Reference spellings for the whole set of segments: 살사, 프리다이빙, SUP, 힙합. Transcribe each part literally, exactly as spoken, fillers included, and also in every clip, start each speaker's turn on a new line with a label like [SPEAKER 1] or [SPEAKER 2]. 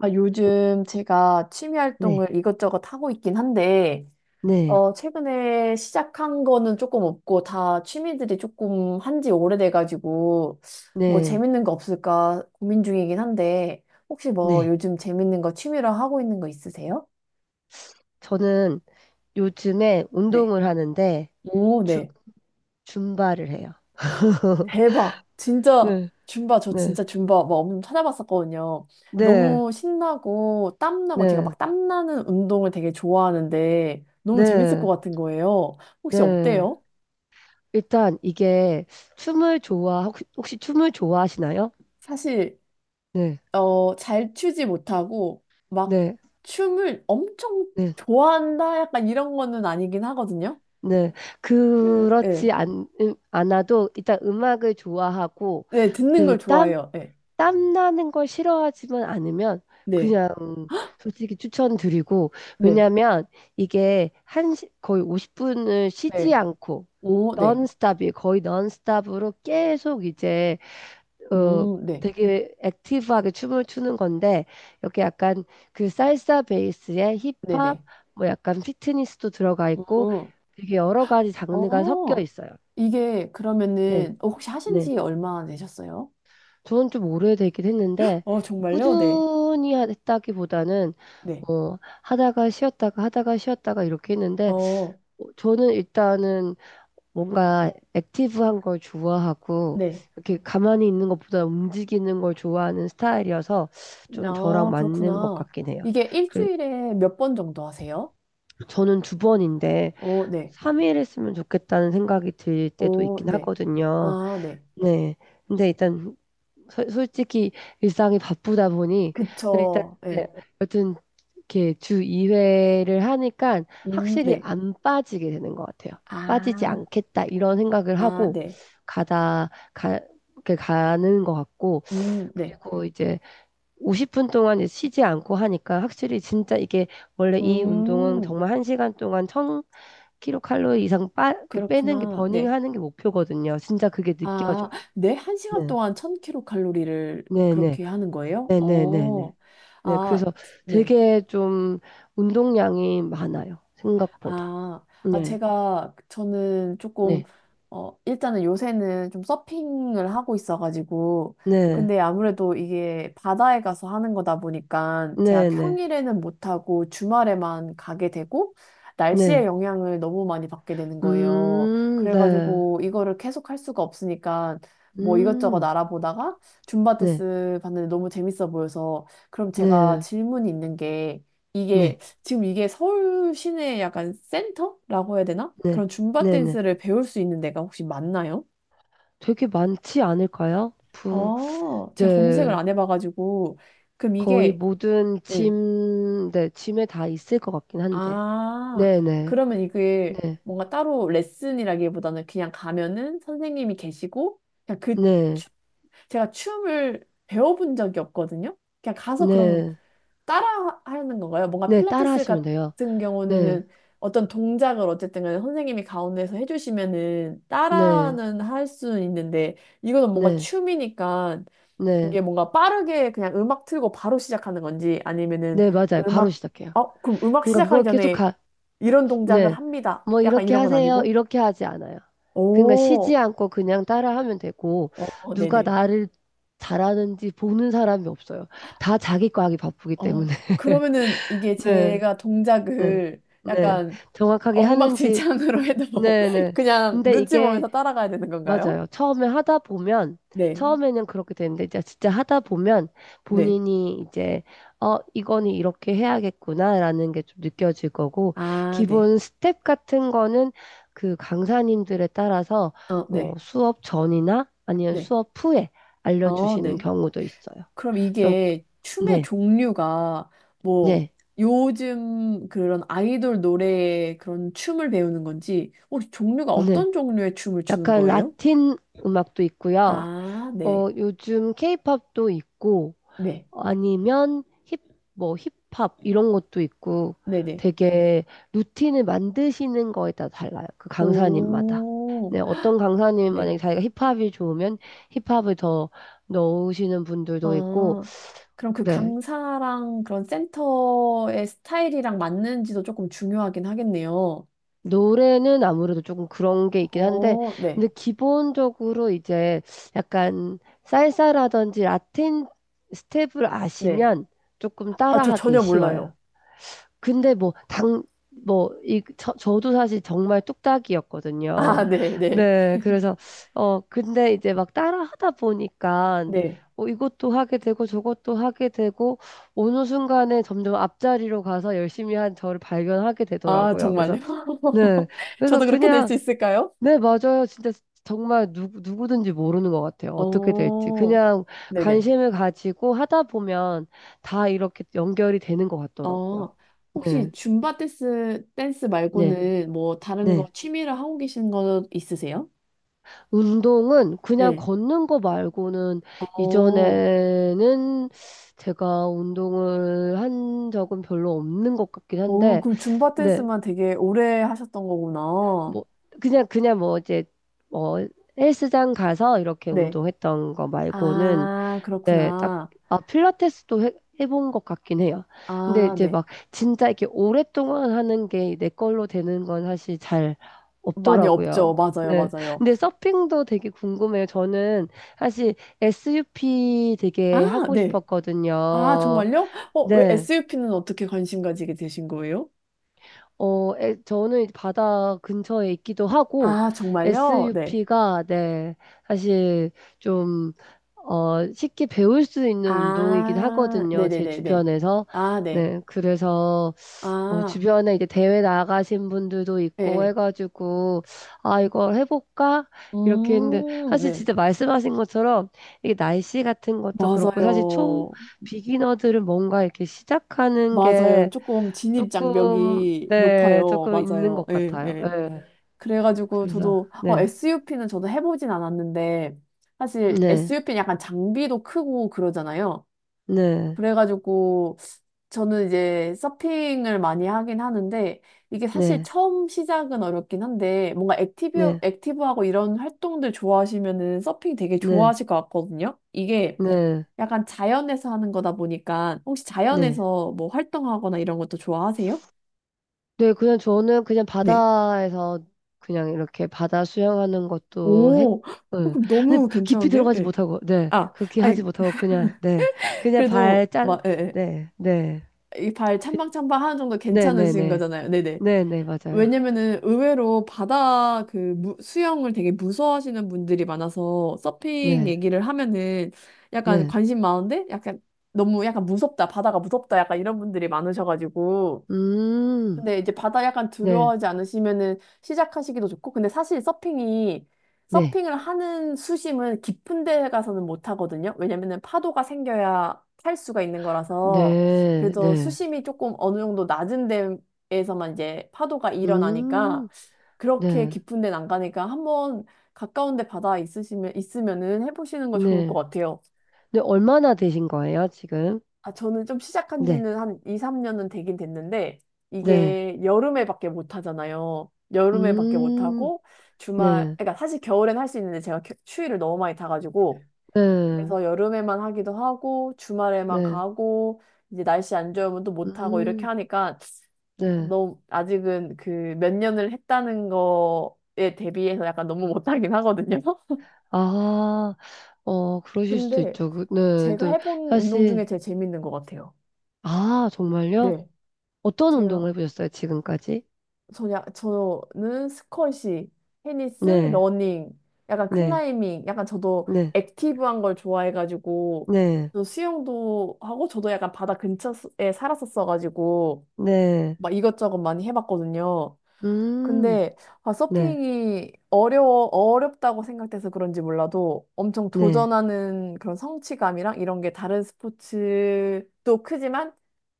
[SPEAKER 1] 아, 요즘 제가 취미
[SPEAKER 2] 네,
[SPEAKER 1] 활동을 이것저것 하고 있긴 한데,
[SPEAKER 2] 네,
[SPEAKER 1] 어, 최근에 시작한 거는 조금 없고, 다 취미들이 조금 한지 오래돼가지고, 뭐
[SPEAKER 2] 네,
[SPEAKER 1] 재밌는 거 없을까 고민 중이긴 한데, 혹시 뭐
[SPEAKER 2] 네.
[SPEAKER 1] 요즘 재밌는 거 취미로 하고 있는 거 있으세요?
[SPEAKER 2] 저는 요즘에
[SPEAKER 1] 네.
[SPEAKER 2] 운동을 하는데
[SPEAKER 1] 오,
[SPEAKER 2] 줌,
[SPEAKER 1] 네.
[SPEAKER 2] 줌바를 해요.
[SPEAKER 1] 대박. 진짜
[SPEAKER 2] 네,
[SPEAKER 1] 줌바 저
[SPEAKER 2] 네,
[SPEAKER 1] 진짜 줌바 막 엄청 찾아봤었거든요.
[SPEAKER 2] 네,
[SPEAKER 1] 너무 신나고 땀나고 제가
[SPEAKER 2] 네,
[SPEAKER 1] 막 땀나는 운동을 되게 좋아하는데 너무 재밌을 것
[SPEAKER 2] 네,
[SPEAKER 1] 같은 거예요. 혹시
[SPEAKER 2] 네.
[SPEAKER 1] 어때요?
[SPEAKER 2] 일단 이게 춤을 좋아, 혹시, 혹시 춤을 좋아하시나요?
[SPEAKER 1] 사실
[SPEAKER 2] 네,
[SPEAKER 1] 어, 잘 추지 못하고 막
[SPEAKER 2] 네,
[SPEAKER 1] 춤을 엄청
[SPEAKER 2] 네,
[SPEAKER 1] 좋아한다 약간 이런 거는 아니긴 하거든요.
[SPEAKER 2] 네.
[SPEAKER 1] 그 예.
[SPEAKER 2] 그렇지 않, 음, 않아도 일단 음악을 좋아하고
[SPEAKER 1] 네, 듣는
[SPEAKER 2] 그
[SPEAKER 1] 걸
[SPEAKER 2] 땀,
[SPEAKER 1] 좋아해요. 네.
[SPEAKER 2] 땀 나는 걸 싫어하지만 않으면
[SPEAKER 1] 네.
[SPEAKER 2] 그냥 솔직히 추천드리고
[SPEAKER 1] 네.
[SPEAKER 2] 왜냐면 이게 한 시- 거의 오십 분을 쉬지
[SPEAKER 1] 네.
[SPEAKER 2] 않고
[SPEAKER 1] 오, 네.
[SPEAKER 2] 넌스톱이 거의 넌스톱으로 계속 이제 어
[SPEAKER 1] 음, 네.
[SPEAKER 2] 되게 액티브하게 춤을 추는 건데 이렇게 약간 그 살사 베이스에 힙합
[SPEAKER 1] 네네.
[SPEAKER 2] 뭐 약간 피트니스도 들어가 있고
[SPEAKER 1] 음.
[SPEAKER 2] 되게 여러 가지 장르가 섞여
[SPEAKER 1] 어.
[SPEAKER 2] 있어요.
[SPEAKER 1] 이게
[SPEAKER 2] 네.
[SPEAKER 1] 그러면은 어, 혹시 하신
[SPEAKER 2] 네.
[SPEAKER 1] 지 얼마나 되셨어요?
[SPEAKER 2] 저는 좀 오래되긴 했는데,
[SPEAKER 1] 어, 정말요? 네.
[SPEAKER 2] 꾸준히 하- 했다기보다는,
[SPEAKER 1] 네.
[SPEAKER 2] 어, 하다가 쉬었다가 하다가 쉬었다가 이렇게 했는데,
[SPEAKER 1] 어,
[SPEAKER 2] 어, 저는 일단은 뭔가 액티브한 걸 좋아하고,
[SPEAKER 1] 네.
[SPEAKER 2] 이렇게 가만히 있는 것보다 움직이는 걸 좋아하는 스타일이어서 좀 저랑
[SPEAKER 1] 아,
[SPEAKER 2] 맞는 것
[SPEAKER 1] 그렇구나.
[SPEAKER 2] 같긴 해요.
[SPEAKER 1] 이게
[SPEAKER 2] 그래,
[SPEAKER 1] 일주일에 몇 번 정도 하세요?
[SPEAKER 2] 저는 두 번인데,
[SPEAKER 1] 어, 네.
[SPEAKER 2] 삼 일 했으면 좋겠다는 생각이 들 때도
[SPEAKER 1] 어,
[SPEAKER 2] 있긴
[SPEAKER 1] 네.
[SPEAKER 2] 하거든요.
[SPEAKER 1] 아, 네.
[SPEAKER 2] 네. 근데 일단 서- 솔직히 일상이 바쁘다 보니 네, 일단
[SPEAKER 1] 그쵸.
[SPEAKER 2] 네,
[SPEAKER 1] 네.
[SPEAKER 2] 여튼 이렇게 주 이 회를 하니까
[SPEAKER 1] 음,
[SPEAKER 2] 확실히
[SPEAKER 1] 네.
[SPEAKER 2] 안 빠지게 되는 것 같아요. 빠지지
[SPEAKER 1] 아,
[SPEAKER 2] 않겠다 이런 생각을
[SPEAKER 1] 아,
[SPEAKER 2] 하고
[SPEAKER 1] 네.
[SPEAKER 2] 가다 가 이렇게 가는 것 같고
[SPEAKER 1] 음, 네.
[SPEAKER 2] 그리고 이제 오십 분 동안 이제 쉬지 않고 하니까 확실히 진짜 이게 원래 이 운동은
[SPEAKER 1] 음,
[SPEAKER 2] 정말 한 시간 동안 천 킬로칼로리 이상 빠, 이렇게 빼는 게
[SPEAKER 1] 그렇구나. 네.
[SPEAKER 2] 버닝하는 게 목표거든요. 진짜 그게
[SPEAKER 1] 아,
[SPEAKER 2] 느껴져요.
[SPEAKER 1] 네. 한 시간
[SPEAKER 2] 네.
[SPEAKER 1] 동안 천 킬로칼로리 칼로리를
[SPEAKER 2] 네네.
[SPEAKER 1] 그렇게 하는 거예요?
[SPEAKER 2] 네네네네.
[SPEAKER 1] 어,
[SPEAKER 2] 네,
[SPEAKER 1] 아,
[SPEAKER 2] 그래서
[SPEAKER 1] 네.
[SPEAKER 2] 되게 좀 운동량이 많아요. 생각보다.
[SPEAKER 1] 아, 아,
[SPEAKER 2] 네,
[SPEAKER 1] 제가, 저는 조금,
[SPEAKER 2] 네,
[SPEAKER 1] 어, 일단은 요새는 좀 서핑을 하고 있어가지고,
[SPEAKER 2] 네,
[SPEAKER 1] 근데 아무래도 이게 바다에 가서 하는 거다 보니까, 제가
[SPEAKER 2] 네, 네,
[SPEAKER 1] 평일에는 못하고 주말에만 가게 되고, 날씨의
[SPEAKER 2] 네.
[SPEAKER 1] 영향을 너무 많이 받게 되는 거예요.
[SPEAKER 2] 음, 네,
[SPEAKER 1] 그래가지고, 이거를 계속 할 수가 없으니까, 뭐 이것저것
[SPEAKER 2] 음,
[SPEAKER 1] 알아보다가, 줌바
[SPEAKER 2] 네,
[SPEAKER 1] 테스 봤는데 너무 재밌어 보여서, 그럼 제가
[SPEAKER 2] 네,
[SPEAKER 1] 질문이 있는 게, 이게,
[SPEAKER 2] 네,
[SPEAKER 1] 지금 이게 서울 시내 약간 센터라고 해야 되나?
[SPEAKER 2] 네,
[SPEAKER 1] 그런 줌바
[SPEAKER 2] 네, 네.
[SPEAKER 1] 댄스를 배울 수 있는 데가 혹시 맞나요?
[SPEAKER 2] 되게 많지 않을까요? 부,
[SPEAKER 1] 아, 제가 검색을
[SPEAKER 2] 네,
[SPEAKER 1] 안 해봐가지고. 그럼
[SPEAKER 2] 거의
[SPEAKER 1] 이게,
[SPEAKER 2] 모든
[SPEAKER 1] 예.
[SPEAKER 2] 짐, 네, 짐에 다 있을 것 같긴 한데.
[SPEAKER 1] 아,
[SPEAKER 2] 네, 네,
[SPEAKER 1] 그러면 이게
[SPEAKER 2] 네,
[SPEAKER 1] 뭔가 따로 레슨이라기보다는 그냥 가면은 선생님이 계시고, 그냥 그
[SPEAKER 2] 네,
[SPEAKER 1] 제가 춤을 배워본 적이 없거든요. 그냥 가서 그럼
[SPEAKER 2] 네,
[SPEAKER 1] 따라 하는 건가요? 뭔가
[SPEAKER 2] 네, 따라
[SPEAKER 1] 필라테스
[SPEAKER 2] 하시면 돼요.
[SPEAKER 1] 같은
[SPEAKER 2] 네,
[SPEAKER 1] 경우는 어떤 동작을 어쨌든 간에 선생님이 가운데서 해주시면은
[SPEAKER 2] 네,
[SPEAKER 1] 따라는 할 수는 있는데 이거는 뭔가
[SPEAKER 2] 네,
[SPEAKER 1] 춤이니까
[SPEAKER 2] 네, 네,
[SPEAKER 1] 이게 뭔가 빠르게 그냥 음악 틀고 바로 시작하는 건지 아니면은
[SPEAKER 2] 네, 맞아요. 바로
[SPEAKER 1] 음악
[SPEAKER 2] 시작해요.
[SPEAKER 1] 어 그럼 음악
[SPEAKER 2] 그러니까 그
[SPEAKER 1] 시작하기
[SPEAKER 2] 거 계속
[SPEAKER 1] 전에
[SPEAKER 2] 가,
[SPEAKER 1] 이런 동작을
[SPEAKER 2] 네.
[SPEAKER 1] 합니다.
[SPEAKER 2] 뭐
[SPEAKER 1] 약간
[SPEAKER 2] 이렇게
[SPEAKER 1] 이런 건
[SPEAKER 2] 하세요.
[SPEAKER 1] 아니고
[SPEAKER 2] 이렇게 하지 않아요. 그러니까 쉬지
[SPEAKER 1] 오,
[SPEAKER 2] 않고 그냥 따라하면 되고
[SPEAKER 1] 어,
[SPEAKER 2] 누가
[SPEAKER 1] 네네.
[SPEAKER 2] 나를 잘하는지 보는 사람이 없어요. 다 자기 거 하기 바쁘기
[SPEAKER 1] 어,
[SPEAKER 2] 때문에.
[SPEAKER 1] 그러면은 이게
[SPEAKER 2] 네.
[SPEAKER 1] 제가
[SPEAKER 2] 네.
[SPEAKER 1] 동작을
[SPEAKER 2] 네.
[SPEAKER 1] 약간
[SPEAKER 2] 정확하게 하는지.
[SPEAKER 1] 엉망진창으로 해도 뭐
[SPEAKER 2] 네, 네.
[SPEAKER 1] 그냥
[SPEAKER 2] 근데
[SPEAKER 1] 눈치
[SPEAKER 2] 이게
[SPEAKER 1] 보면서 따라가야 되는 건가요?
[SPEAKER 2] 맞아요. 처음에 하다 보면,
[SPEAKER 1] 네,
[SPEAKER 2] 처음에는 그렇게 되는데, 이제 진짜 하다 보면
[SPEAKER 1] 네.
[SPEAKER 2] 본인이 이제, 어, 이거는 이렇게 해야겠구나라는 게 좀 느껴질 거고,
[SPEAKER 1] 아, 네.
[SPEAKER 2] 기본 스텝 같은 거는 그 강사님들에 따라서
[SPEAKER 1] 어,
[SPEAKER 2] 뭐
[SPEAKER 1] 네,
[SPEAKER 2] 수업 전이나 아니면
[SPEAKER 1] 네.
[SPEAKER 2] 수업 후에
[SPEAKER 1] 어,
[SPEAKER 2] 알려주시는
[SPEAKER 1] 네.
[SPEAKER 2] 경우도 있어요.
[SPEAKER 1] 그럼
[SPEAKER 2] 그래서,
[SPEAKER 1] 이게 춤의
[SPEAKER 2] 네,
[SPEAKER 1] 종류가 뭐
[SPEAKER 2] 네,
[SPEAKER 1] 요즘 그런 아이돌 노래의 그런 춤을 배우는 건지 혹시 종류가
[SPEAKER 2] 네.
[SPEAKER 1] 어떤 종류의 춤을 추는
[SPEAKER 2] 약간
[SPEAKER 1] 거예요?
[SPEAKER 2] 라틴 음악도 있고요.
[SPEAKER 1] 아,
[SPEAKER 2] 어,
[SPEAKER 1] 네.
[SPEAKER 2] 요즘 케이팝도 있고,
[SPEAKER 1] 네.
[SPEAKER 2] 아니면 힙, 뭐 힙합 이런 것도 있고
[SPEAKER 1] 네네.
[SPEAKER 2] 되게 루틴을 만드시는 거에 따라 달라요. 그 강사님마다.
[SPEAKER 1] 오,
[SPEAKER 2] 네, 어떤 강사님 만약에
[SPEAKER 1] 네.
[SPEAKER 2] 자기가 힙합이 좋으면 힙합을 더 넣으시는 분들도 있고,
[SPEAKER 1] 어, 그럼 그
[SPEAKER 2] 네.
[SPEAKER 1] 강사랑 그런 센터의 스타일이랑 맞는지도 조금 중요하긴 하겠네요.
[SPEAKER 2] 노래는 아무래도 조금 그런 게 있긴 한데,
[SPEAKER 1] 어, 네,
[SPEAKER 2] 근데 기본적으로 이제 약간 살사라든지 라틴 스텝을
[SPEAKER 1] 네.
[SPEAKER 2] 아시면 조금
[SPEAKER 1] 아, 저
[SPEAKER 2] 따라하기
[SPEAKER 1] 전혀
[SPEAKER 2] 쉬워요.
[SPEAKER 1] 몰라요.
[SPEAKER 2] 근데 뭐, 당, 뭐, 이, 저, 저도 사실 정말
[SPEAKER 1] 아,
[SPEAKER 2] 뚝딱이었거든요.
[SPEAKER 1] 네, 네,
[SPEAKER 2] 네, 그래서, 어, 근데 이제 막 따라 하다 보니까,
[SPEAKER 1] 네.
[SPEAKER 2] 어, 이것도 하게 되고 저것도 하게 되고, 어느 순간에 점점 앞자리로 가서 열심히 한 저를 발견하게
[SPEAKER 1] 아,
[SPEAKER 2] 되더라고요.
[SPEAKER 1] 정말요?
[SPEAKER 2] 그래서, 네, 그래서
[SPEAKER 1] 저도 그렇게 될
[SPEAKER 2] 그냥,
[SPEAKER 1] 수 있을까요?
[SPEAKER 2] 네, 맞아요. 진짜 정말 누, 누구든지 모르는 것 같아요. 어떻게 될지.
[SPEAKER 1] 어,
[SPEAKER 2] 그냥
[SPEAKER 1] 네네.
[SPEAKER 2] 관심을 가지고 하다 보면 다 이렇게 연결이 되는 것 같더라고요.
[SPEAKER 1] 어, 혹시
[SPEAKER 2] 네.
[SPEAKER 1] 줌바 댄스, 댄스
[SPEAKER 2] 네.
[SPEAKER 1] 말고는 뭐 다른
[SPEAKER 2] 네.
[SPEAKER 1] 거 취미를 하고 계신 거 있으세요?
[SPEAKER 2] 운동은 그냥
[SPEAKER 1] 네.
[SPEAKER 2] 걷는 거 말고는
[SPEAKER 1] 어,
[SPEAKER 2] 이전에는 제가 운동을 한 적은 별로 없는 것 같긴
[SPEAKER 1] 어,
[SPEAKER 2] 한데,
[SPEAKER 1] 그럼 줌바
[SPEAKER 2] 네.
[SPEAKER 1] 댄스만 되게 오래 하셨던 거구나.
[SPEAKER 2] 뭐, 그냥, 그냥 뭐 이제, 뭐, 헬스장 가서 이렇게
[SPEAKER 1] 네.
[SPEAKER 2] 운동했던 거 말고는
[SPEAKER 1] 아,
[SPEAKER 2] 네, 딱,
[SPEAKER 1] 그렇구나.
[SPEAKER 2] 아, 필라테스도 해, 해본 것 같긴 해요. 근데
[SPEAKER 1] 아,
[SPEAKER 2] 이제
[SPEAKER 1] 네.
[SPEAKER 2] 막 진짜 이렇게 오랫동안 하는 게 내 걸로 되는 건 사실 잘
[SPEAKER 1] 많이
[SPEAKER 2] 없더라고요.
[SPEAKER 1] 없죠. 맞아요,
[SPEAKER 2] 네.
[SPEAKER 1] 맞아요.
[SPEAKER 2] 근데 서핑도 되게 궁금해요. 저는 사실 에스유피
[SPEAKER 1] 아,
[SPEAKER 2] 되게 하고
[SPEAKER 1] 네. 아,
[SPEAKER 2] 싶었거든요.
[SPEAKER 1] 정말요? 어, 왜
[SPEAKER 2] 네.
[SPEAKER 1] 에스유피는 어떻게 관심 가지게 되신 거예요?
[SPEAKER 2] 어, 에, 저는 이제 바다 근처에 있기도 하고,
[SPEAKER 1] 아, 정말요? 네.
[SPEAKER 2] 에스유피가, 네, 사실 좀, 어, 쉽게 배울 수 있는 운동이긴
[SPEAKER 1] 아,
[SPEAKER 2] 하거든요. 제
[SPEAKER 1] 네네네네.
[SPEAKER 2] 주변에서.
[SPEAKER 1] 아, 네.
[SPEAKER 2] 네, 그래서, 어,
[SPEAKER 1] 아,
[SPEAKER 2] 주변에 이제 대회 나가신 분들도
[SPEAKER 1] 예.
[SPEAKER 2] 있고
[SPEAKER 1] 예.
[SPEAKER 2] 해가지고, 아, 이걸 해볼까? 이렇게 했는데,
[SPEAKER 1] 음,
[SPEAKER 2] 사실
[SPEAKER 1] 네.
[SPEAKER 2] 진짜 말씀하신 것처럼, 이게 날씨 같은 것도 그렇고, 사실 초
[SPEAKER 1] 맞아요.
[SPEAKER 2] 비기너들은 뭔가 이렇게 시작하는
[SPEAKER 1] 맞아요.
[SPEAKER 2] 게,
[SPEAKER 1] 조금 진입
[SPEAKER 2] 조금,
[SPEAKER 1] 장벽이
[SPEAKER 2] 네,
[SPEAKER 1] 높아요.
[SPEAKER 2] 조금 있는
[SPEAKER 1] 맞아요.
[SPEAKER 2] 것
[SPEAKER 1] 예,
[SPEAKER 2] 같아요.
[SPEAKER 1] 예.
[SPEAKER 2] 네,
[SPEAKER 1] 그래가지고
[SPEAKER 2] 그래서,
[SPEAKER 1] 저도 어,
[SPEAKER 2] 네,
[SPEAKER 1] 에스유피는 저도 해보진 않았는데 사실
[SPEAKER 2] 네,
[SPEAKER 1] 에스유피는 약간 장비도 크고 그러잖아요.
[SPEAKER 2] 네,
[SPEAKER 1] 그래가지고 저는 이제 서핑을 많이 하긴 하는데 이게 사실
[SPEAKER 2] 네,
[SPEAKER 1] 처음 시작은 어렵긴 한데 뭔가 액티브
[SPEAKER 2] 네,
[SPEAKER 1] 액티브하고 이런 활동들 좋아하시면은 서핑 되게
[SPEAKER 2] 네,
[SPEAKER 1] 좋아하실 것 같거든요. 이게
[SPEAKER 2] 네,
[SPEAKER 1] 약간 자연에서 하는 거다 보니까 혹시
[SPEAKER 2] 네.
[SPEAKER 1] 자연에서 뭐 활동하거나 이런 것도 좋아하세요?
[SPEAKER 2] 네, 그냥 저는 그냥
[SPEAKER 1] 네.
[SPEAKER 2] 바다에서 그냥 이렇게 바다 수영하는 것도 했,
[SPEAKER 1] 오, 헉,
[SPEAKER 2] 응.
[SPEAKER 1] 그럼
[SPEAKER 2] 근데
[SPEAKER 1] 너무
[SPEAKER 2] 깊이
[SPEAKER 1] 괜찮은데?
[SPEAKER 2] 들어가지
[SPEAKER 1] 예.
[SPEAKER 2] 못하고, 네,
[SPEAKER 1] 아,
[SPEAKER 2] 그렇게 하지
[SPEAKER 1] 아니,
[SPEAKER 2] 못하고, 그냥, 네, 그냥 발
[SPEAKER 1] 그래도
[SPEAKER 2] 짠,
[SPEAKER 1] 막, 예, 예.
[SPEAKER 2] 네, 네,
[SPEAKER 1] 이발
[SPEAKER 2] 그,
[SPEAKER 1] 찬방찬방 하는 정도
[SPEAKER 2] 네, 네,
[SPEAKER 1] 괜찮으신
[SPEAKER 2] 네,
[SPEAKER 1] 거잖아요. 네네.
[SPEAKER 2] 네, 네, 맞아요.
[SPEAKER 1] 왜냐면은 의외로 바다 그 무- 수영을 되게 무서워하시는 분들이 많아서 서핑
[SPEAKER 2] 네,
[SPEAKER 1] 얘기를 하면은 약간
[SPEAKER 2] 네,
[SPEAKER 1] 관심 많은데 약간 너무 약간 무섭다, 바다가 무섭다 약간 이런 분들이 많으셔가지고
[SPEAKER 2] 음,
[SPEAKER 1] 근데 이제 바다 약간
[SPEAKER 2] 네,
[SPEAKER 1] 두려워하지 않으시면은 시작하시기도 좋고, 근데 사실 서핑이,
[SPEAKER 2] 네,
[SPEAKER 1] 서핑을 하는 수심은 깊은 데 가서는 못 하거든요. 왜냐면은 파도가 생겨야 탈 수가 있는 거라서,
[SPEAKER 2] 네,
[SPEAKER 1] 그래서
[SPEAKER 2] 네.
[SPEAKER 1] 수심이 조금 어느 정도 낮은 데에서만 이제 파도가 일어나니까,
[SPEAKER 2] 음,
[SPEAKER 1] 그렇게
[SPEAKER 2] 네,
[SPEAKER 1] 깊은 데는 안 가니까 한번 가까운 데 바다 있으시면, 있으면은 해보시는 거 좋을 것
[SPEAKER 2] 네.
[SPEAKER 1] 같아요.
[SPEAKER 2] 네, 얼마나 되신 거예요, 지금?
[SPEAKER 1] 아, 저는 좀 시작한
[SPEAKER 2] 네,
[SPEAKER 1] 지는 한 이, 삼 년은 되긴 됐는데,
[SPEAKER 2] 네.
[SPEAKER 1] 이게 여름에밖에 못 하잖아요. 여름에밖에 못
[SPEAKER 2] 음,
[SPEAKER 1] 하고, 주말,
[SPEAKER 2] 네,
[SPEAKER 1] 그러니까 사실 겨울엔 할 수 있는데 제가 겨- 추위를 너무 많이 타가지고,
[SPEAKER 2] 네,
[SPEAKER 1] 그래서 여름에만 하기도 하고, 주말에만
[SPEAKER 2] 네.
[SPEAKER 1] 가고, 이제 날씨 안 좋으면 또 못 하고, 이렇게
[SPEAKER 2] 음,
[SPEAKER 1] 하니까,
[SPEAKER 2] 네.
[SPEAKER 1] 너무, 아직은 그 몇 년을 했다는 거에 대비해서 약간 너무 못하긴 하거든요.
[SPEAKER 2] 아, 어, 그러실 수도
[SPEAKER 1] 근데
[SPEAKER 2] 있죠. 그, 네,
[SPEAKER 1] 제가
[SPEAKER 2] 또,
[SPEAKER 1] 해본 운동
[SPEAKER 2] 사실,
[SPEAKER 1] 중에 제일 재밌는 것 같아요.
[SPEAKER 2] 아, 정말요?
[SPEAKER 1] 네.
[SPEAKER 2] 어떤 운동을
[SPEAKER 1] 제가.
[SPEAKER 2] 해보셨어요, 지금까지?
[SPEAKER 1] 저냐, 저는 스쿼시, 테니스,
[SPEAKER 2] 네,
[SPEAKER 1] 러닝, 약간
[SPEAKER 2] 네,
[SPEAKER 1] 클라이밍, 약간 저도
[SPEAKER 2] 네,
[SPEAKER 1] 액티브한 걸 좋아해가지고,
[SPEAKER 2] 네,
[SPEAKER 1] 저 수영도 하고, 저도 약간 바다 근처에 살았었어가지고,
[SPEAKER 2] 네.
[SPEAKER 1] 막 이것저것 많이 해봤거든요.
[SPEAKER 2] 음,
[SPEAKER 1] 근데 아,
[SPEAKER 2] 네,
[SPEAKER 1] 서핑이 어려워 어렵다고 생각돼서 그런지 몰라도 엄청
[SPEAKER 2] 네.
[SPEAKER 1] 도전하는 그런 성취감이랑 이런 게 다른 스포츠도 크지만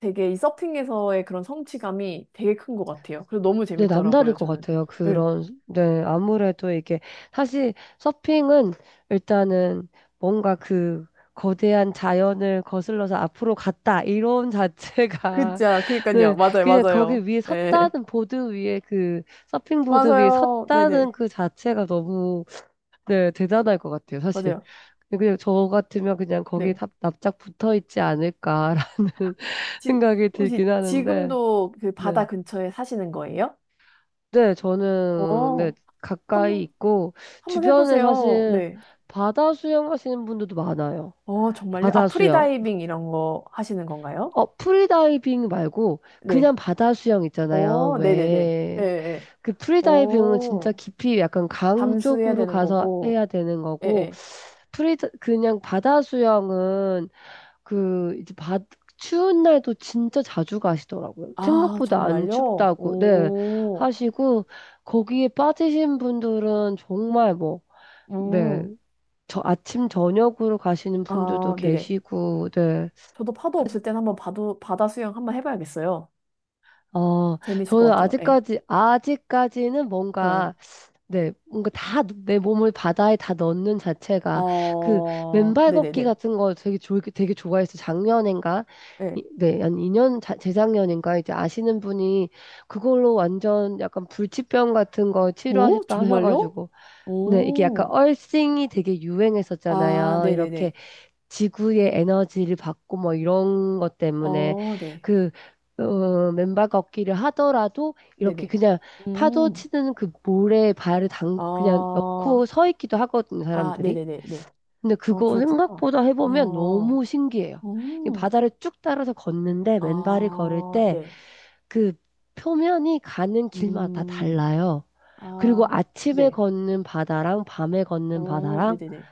[SPEAKER 1] 되게 이 서핑에서의 그런 성취감이 되게 큰 것 같아요. 그래서 너무
[SPEAKER 2] 네, 남다를
[SPEAKER 1] 재밌더라고요,
[SPEAKER 2] 것
[SPEAKER 1] 저는.
[SPEAKER 2] 같아요.
[SPEAKER 1] 응.
[SPEAKER 2] 그런, 네, 아무래도 이게, 사실 서핑은 일단은 뭔가 그 거대한 자연을 거슬러서 앞으로 갔다, 이론 자체가,
[SPEAKER 1] 그자, 그니까요.
[SPEAKER 2] 네,
[SPEAKER 1] 맞아요,
[SPEAKER 2] 그냥
[SPEAKER 1] 맞아요.
[SPEAKER 2] 거기 위에
[SPEAKER 1] 네.
[SPEAKER 2] 섰다는 보드 위에 그, 서핑보드 위에
[SPEAKER 1] 맞아요.
[SPEAKER 2] 섰다는
[SPEAKER 1] 네네.
[SPEAKER 2] 그 자체가 너무, 네, 대단할 것 같아요, 사실.
[SPEAKER 1] 맞아요.
[SPEAKER 2] 그냥 저 같으면 그냥 거기에
[SPEAKER 1] 네.
[SPEAKER 2] 납- 납작 붙어 있지 않을까라는
[SPEAKER 1] 지,
[SPEAKER 2] 생각이
[SPEAKER 1] 혹시
[SPEAKER 2] 들긴 하는데,
[SPEAKER 1] 지금도 그 바다
[SPEAKER 2] 네.
[SPEAKER 1] 근처에 사시는 거예요?
[SPEAKER 2] 네, 저는, 네,
[SPEAKER 1] 어,
[SPEAKER 2] 가까이
[SPEAKER 1] 한번,
[SPEAKER 2] 있고,
[SPEAKER 1] 한번
[SPEAKER 2] 주변에
[SPEAKER 1] 해보세요.
[SPEAKER 2] 사실
[SPEAKER 1] 네.
[SPEAKER 2] 바다 수영하시는 분들도 많아요.
[SPEAKER 1] 어, 정말요? 아,
[SPEAKER 2] 바다 수영.
[SPEAKER 1] 프리다이빙 이런 거 하시는 건가요?
[SPEAKER 2] 어, 프리다이빙 말고,
[SPEAKER 1] 네.
[SPEAKER 2] 그냥 바다 수영 있잖아요.
[SPEAKER 1] 어, 네네네. 예,
[SPEAKER 2] 왜?
[SPEAKER 1] 예.
[SPEAKER 2] 그 프리다이빙은 진짜
[SPEAKER 1] 어,
[SPEAKER 2] 깊이 약간 강
[SPEAKER 1] 담수해야
[SPEAKER 2] 쪽으로
[SPEAKER 1] 되는
[SPEAKER 2] 가서
[SPEAKER 1] 거고.
[SPEAKER 2] 해야 되는
[SPEAKER 1] 예,
[SPEAKER 2] 거고,
[SPEAKER 1] 예.
[SPEAKER 2] 프리, 그냥 바다 수영은 그 이제 바 추운 날도 진짜 자주 가시더라고요.
[SPEAKER 1] 아,
[SPEAKER 2] 생각보다 안
[SPEAKER 1] 정말요?
[SPEAKER 2] 춥다고 네
[SPEAKER 1] 오,
[SPEAKER 2] 하시고 거기에 빠지신 분들은 정말 뭐 네.
[SPEAKER 1] 음,
[SPEAKER 2] 저 아침 저녁으로 가시는 분들도
[SPEAKER 1] 아, 네네.
[SPEAKER 2] 계시고 네.
[SPEAKER 1] 저도 파도 없을 땐 한번 바도, 바다 수영 한번 해봐야겠어요.
[SPEAKER 2] 어,
[SPEAKER 1] 재밌을 것
[SPEAKER 2] 저는
[SPEAKER 1] 같아요. 예.
[SPEAKER 2] 아직까지 아직까지는
[SPEAKER 1] 어, 예.
[SPEAKER 2] 뭔가 네, 뭔가 다 내 몸을 바다에 다 넣는 자체가 그
[SPEAKER 1] 어,
[SPEAKER 2] 맨발 걷기
[SPEAKER 1] 네네네.
[SPEAKER 2] 같은 거 되게 좋 되게 좋아해서 작년인가
[SPEAKER 1] 예.
[SPEAKER 2] 이- 네, 한 이 년 자- 재작년인가 이제 아시는 분이 그걸로 완전 약간 불치병 같은 거
[SPEAKER 1] 오,
[SPEAKER 2] 치료하셨다
[SPEAKER 1] 정말요?
[SPEAKER 2] 하셔가지고 네, 이게 약간
[SPEAKER 1] 오,
[SPEAKER 2] 얼싱이 되게
[SPEAKER 1] 아,
[SPEAKER 2] 유행했었잖아요. 이렇게
[SPEAKER 1] 네네네.
[SPEAKER 2] 지구의 에너지를 받고 뭐 이런 것 때문에
[SPEAKER 1] 어, 네.
[SPEAKER 2] 그 어, 맨발 걷기를 하더라도 이렇게
[SPEAKER 1] 네네.
[SPEAKER 2] 그냥 파도
[SPEAKER 1] 음.
[SPEAKER 2] 치는 그 모래에 발을 당 그냥 넣고
[SPEAKER 1] 아,
[SPEAKER 2] 서 있기도 하거든요,
[SPEAKER 1] 아,
[SPEAKER 2] 사람들이.
[SPEAKER 1] 네네네네.
[SPEAKER 2] 근데
[SPEAKER 1] 어,
[SPEAKER 2] 그거
[SPEAKER 1] 그렇구나.
[SPEAKER 2] 생각보다 해보면
[SPEAKER 1] 어,
[SPEAKER 2] 너무 신기해요. 이
[SPEAKER 1] 음
[SPEAKER 2] 바다를 쭉 따라서 걷는데 맨발이 걸을
[SPEAKER 1] 아,
[SPEAKER 2] 때
[SPEAKER 1] 네.
[SPEAKER 2] 그 표면이 가는 길마다
[SPEAKER 1] 음,
[SPEAKER 2] 달라요. 그리고
[SPEAKER 1] 아,
[SPEAKER 2] 아침에
[SPEAKER 1] 네.
[SPEAKER 2] 걷는 바다랑 밤에 걷는
[SPEAKER 1] 어,
[SPEAKER 2] 바다랑
[SPEAKER 1] 네네네.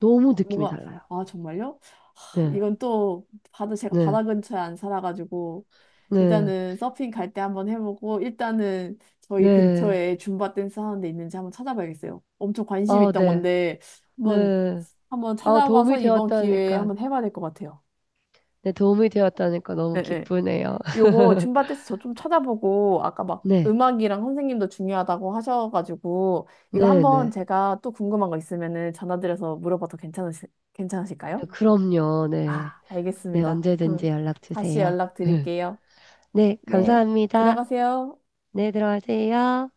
[SPEAKER 2] 너무 느낌이
[SPEAKER 1] 뭔가,
[SPEAKER 2] 달라요.
[SPEAKER 1] 아, 정말요? 하,
[SPEAKER 2] 네,
[SPEAKER 1] 이건 또, 바다, 제가
[SPEAKER 2] 네,
[SPEAKER 1] 바다 근처에 안 살아가지고,
[SPEAKER 2] 네.
[SPEAKER 1] 일단은 서핑 갈 때 한번 해보고, 일단은 저희
[SPEAKER 2] 네.
[SPEAKER 1] 근처에 줌바 댄스 하는 데 있는지 한번 찾아봐야겠어요. 엄청 관심 이
[SPEAKER 2] 아,
[SPEAKER 1] 있던
[SPEAKER 2] 네.
[SPEAKER 1] 건데, 한번,
[SPEAKER 2] 네.
[SPEAKER 1] 한번
[SPEAKER 2] 아,
[SPEAKER 1] 찾아봐서
[SPEAKER 2] 도움이
[SPEAKER 1] 이번 기회에
[SPEAKER 2] 되었다니까.
[SPEAKER 1] 한번 해봐야 될 것 같아요.
[SPEAKER 2] 네, 도움이 되었다니까 너무
[SPEAKER 1] 네
[SPEAKER 2] 기쁘네요.
[SPEAKER 1] 요거 줌바 댄스 저 좀 찾아보고 아까 막
[SPEAKER 2] 네.
[SPEAKER 1] 음악이랑 선생님도 중요하다고 하셔가지고 이거
[SPEAKER 2] 네,
[SPEAKER 1] 한번
[SPEAKER 2] 네.
[SPEAKER 1] 제가 또 궁금한 거 있으면은 전화드려서 물어봐도 괜찮으시, 괜찮으실까요?
[SPEAKER 2] 네, 그럼요. 네.
[SPEAKER 1] 아,
[SPEAKER 2] 네,
[SPEAKER 1] 알겠습니다. 그럼
[SPEAKER 2] 언제든지 연락
[SPEAKER 1] 다시
[SPEAKER 2] 주세요.
[SPEAKER 1] 연락드릴게요.
[SPEAKER 2] 네,
[SPEAKER 1] 네,
[SPEAKER 2] 감사합니다.
[SPEAKER 1] 들어가세요.
[SPEAKER 2] 네, 들어가세요.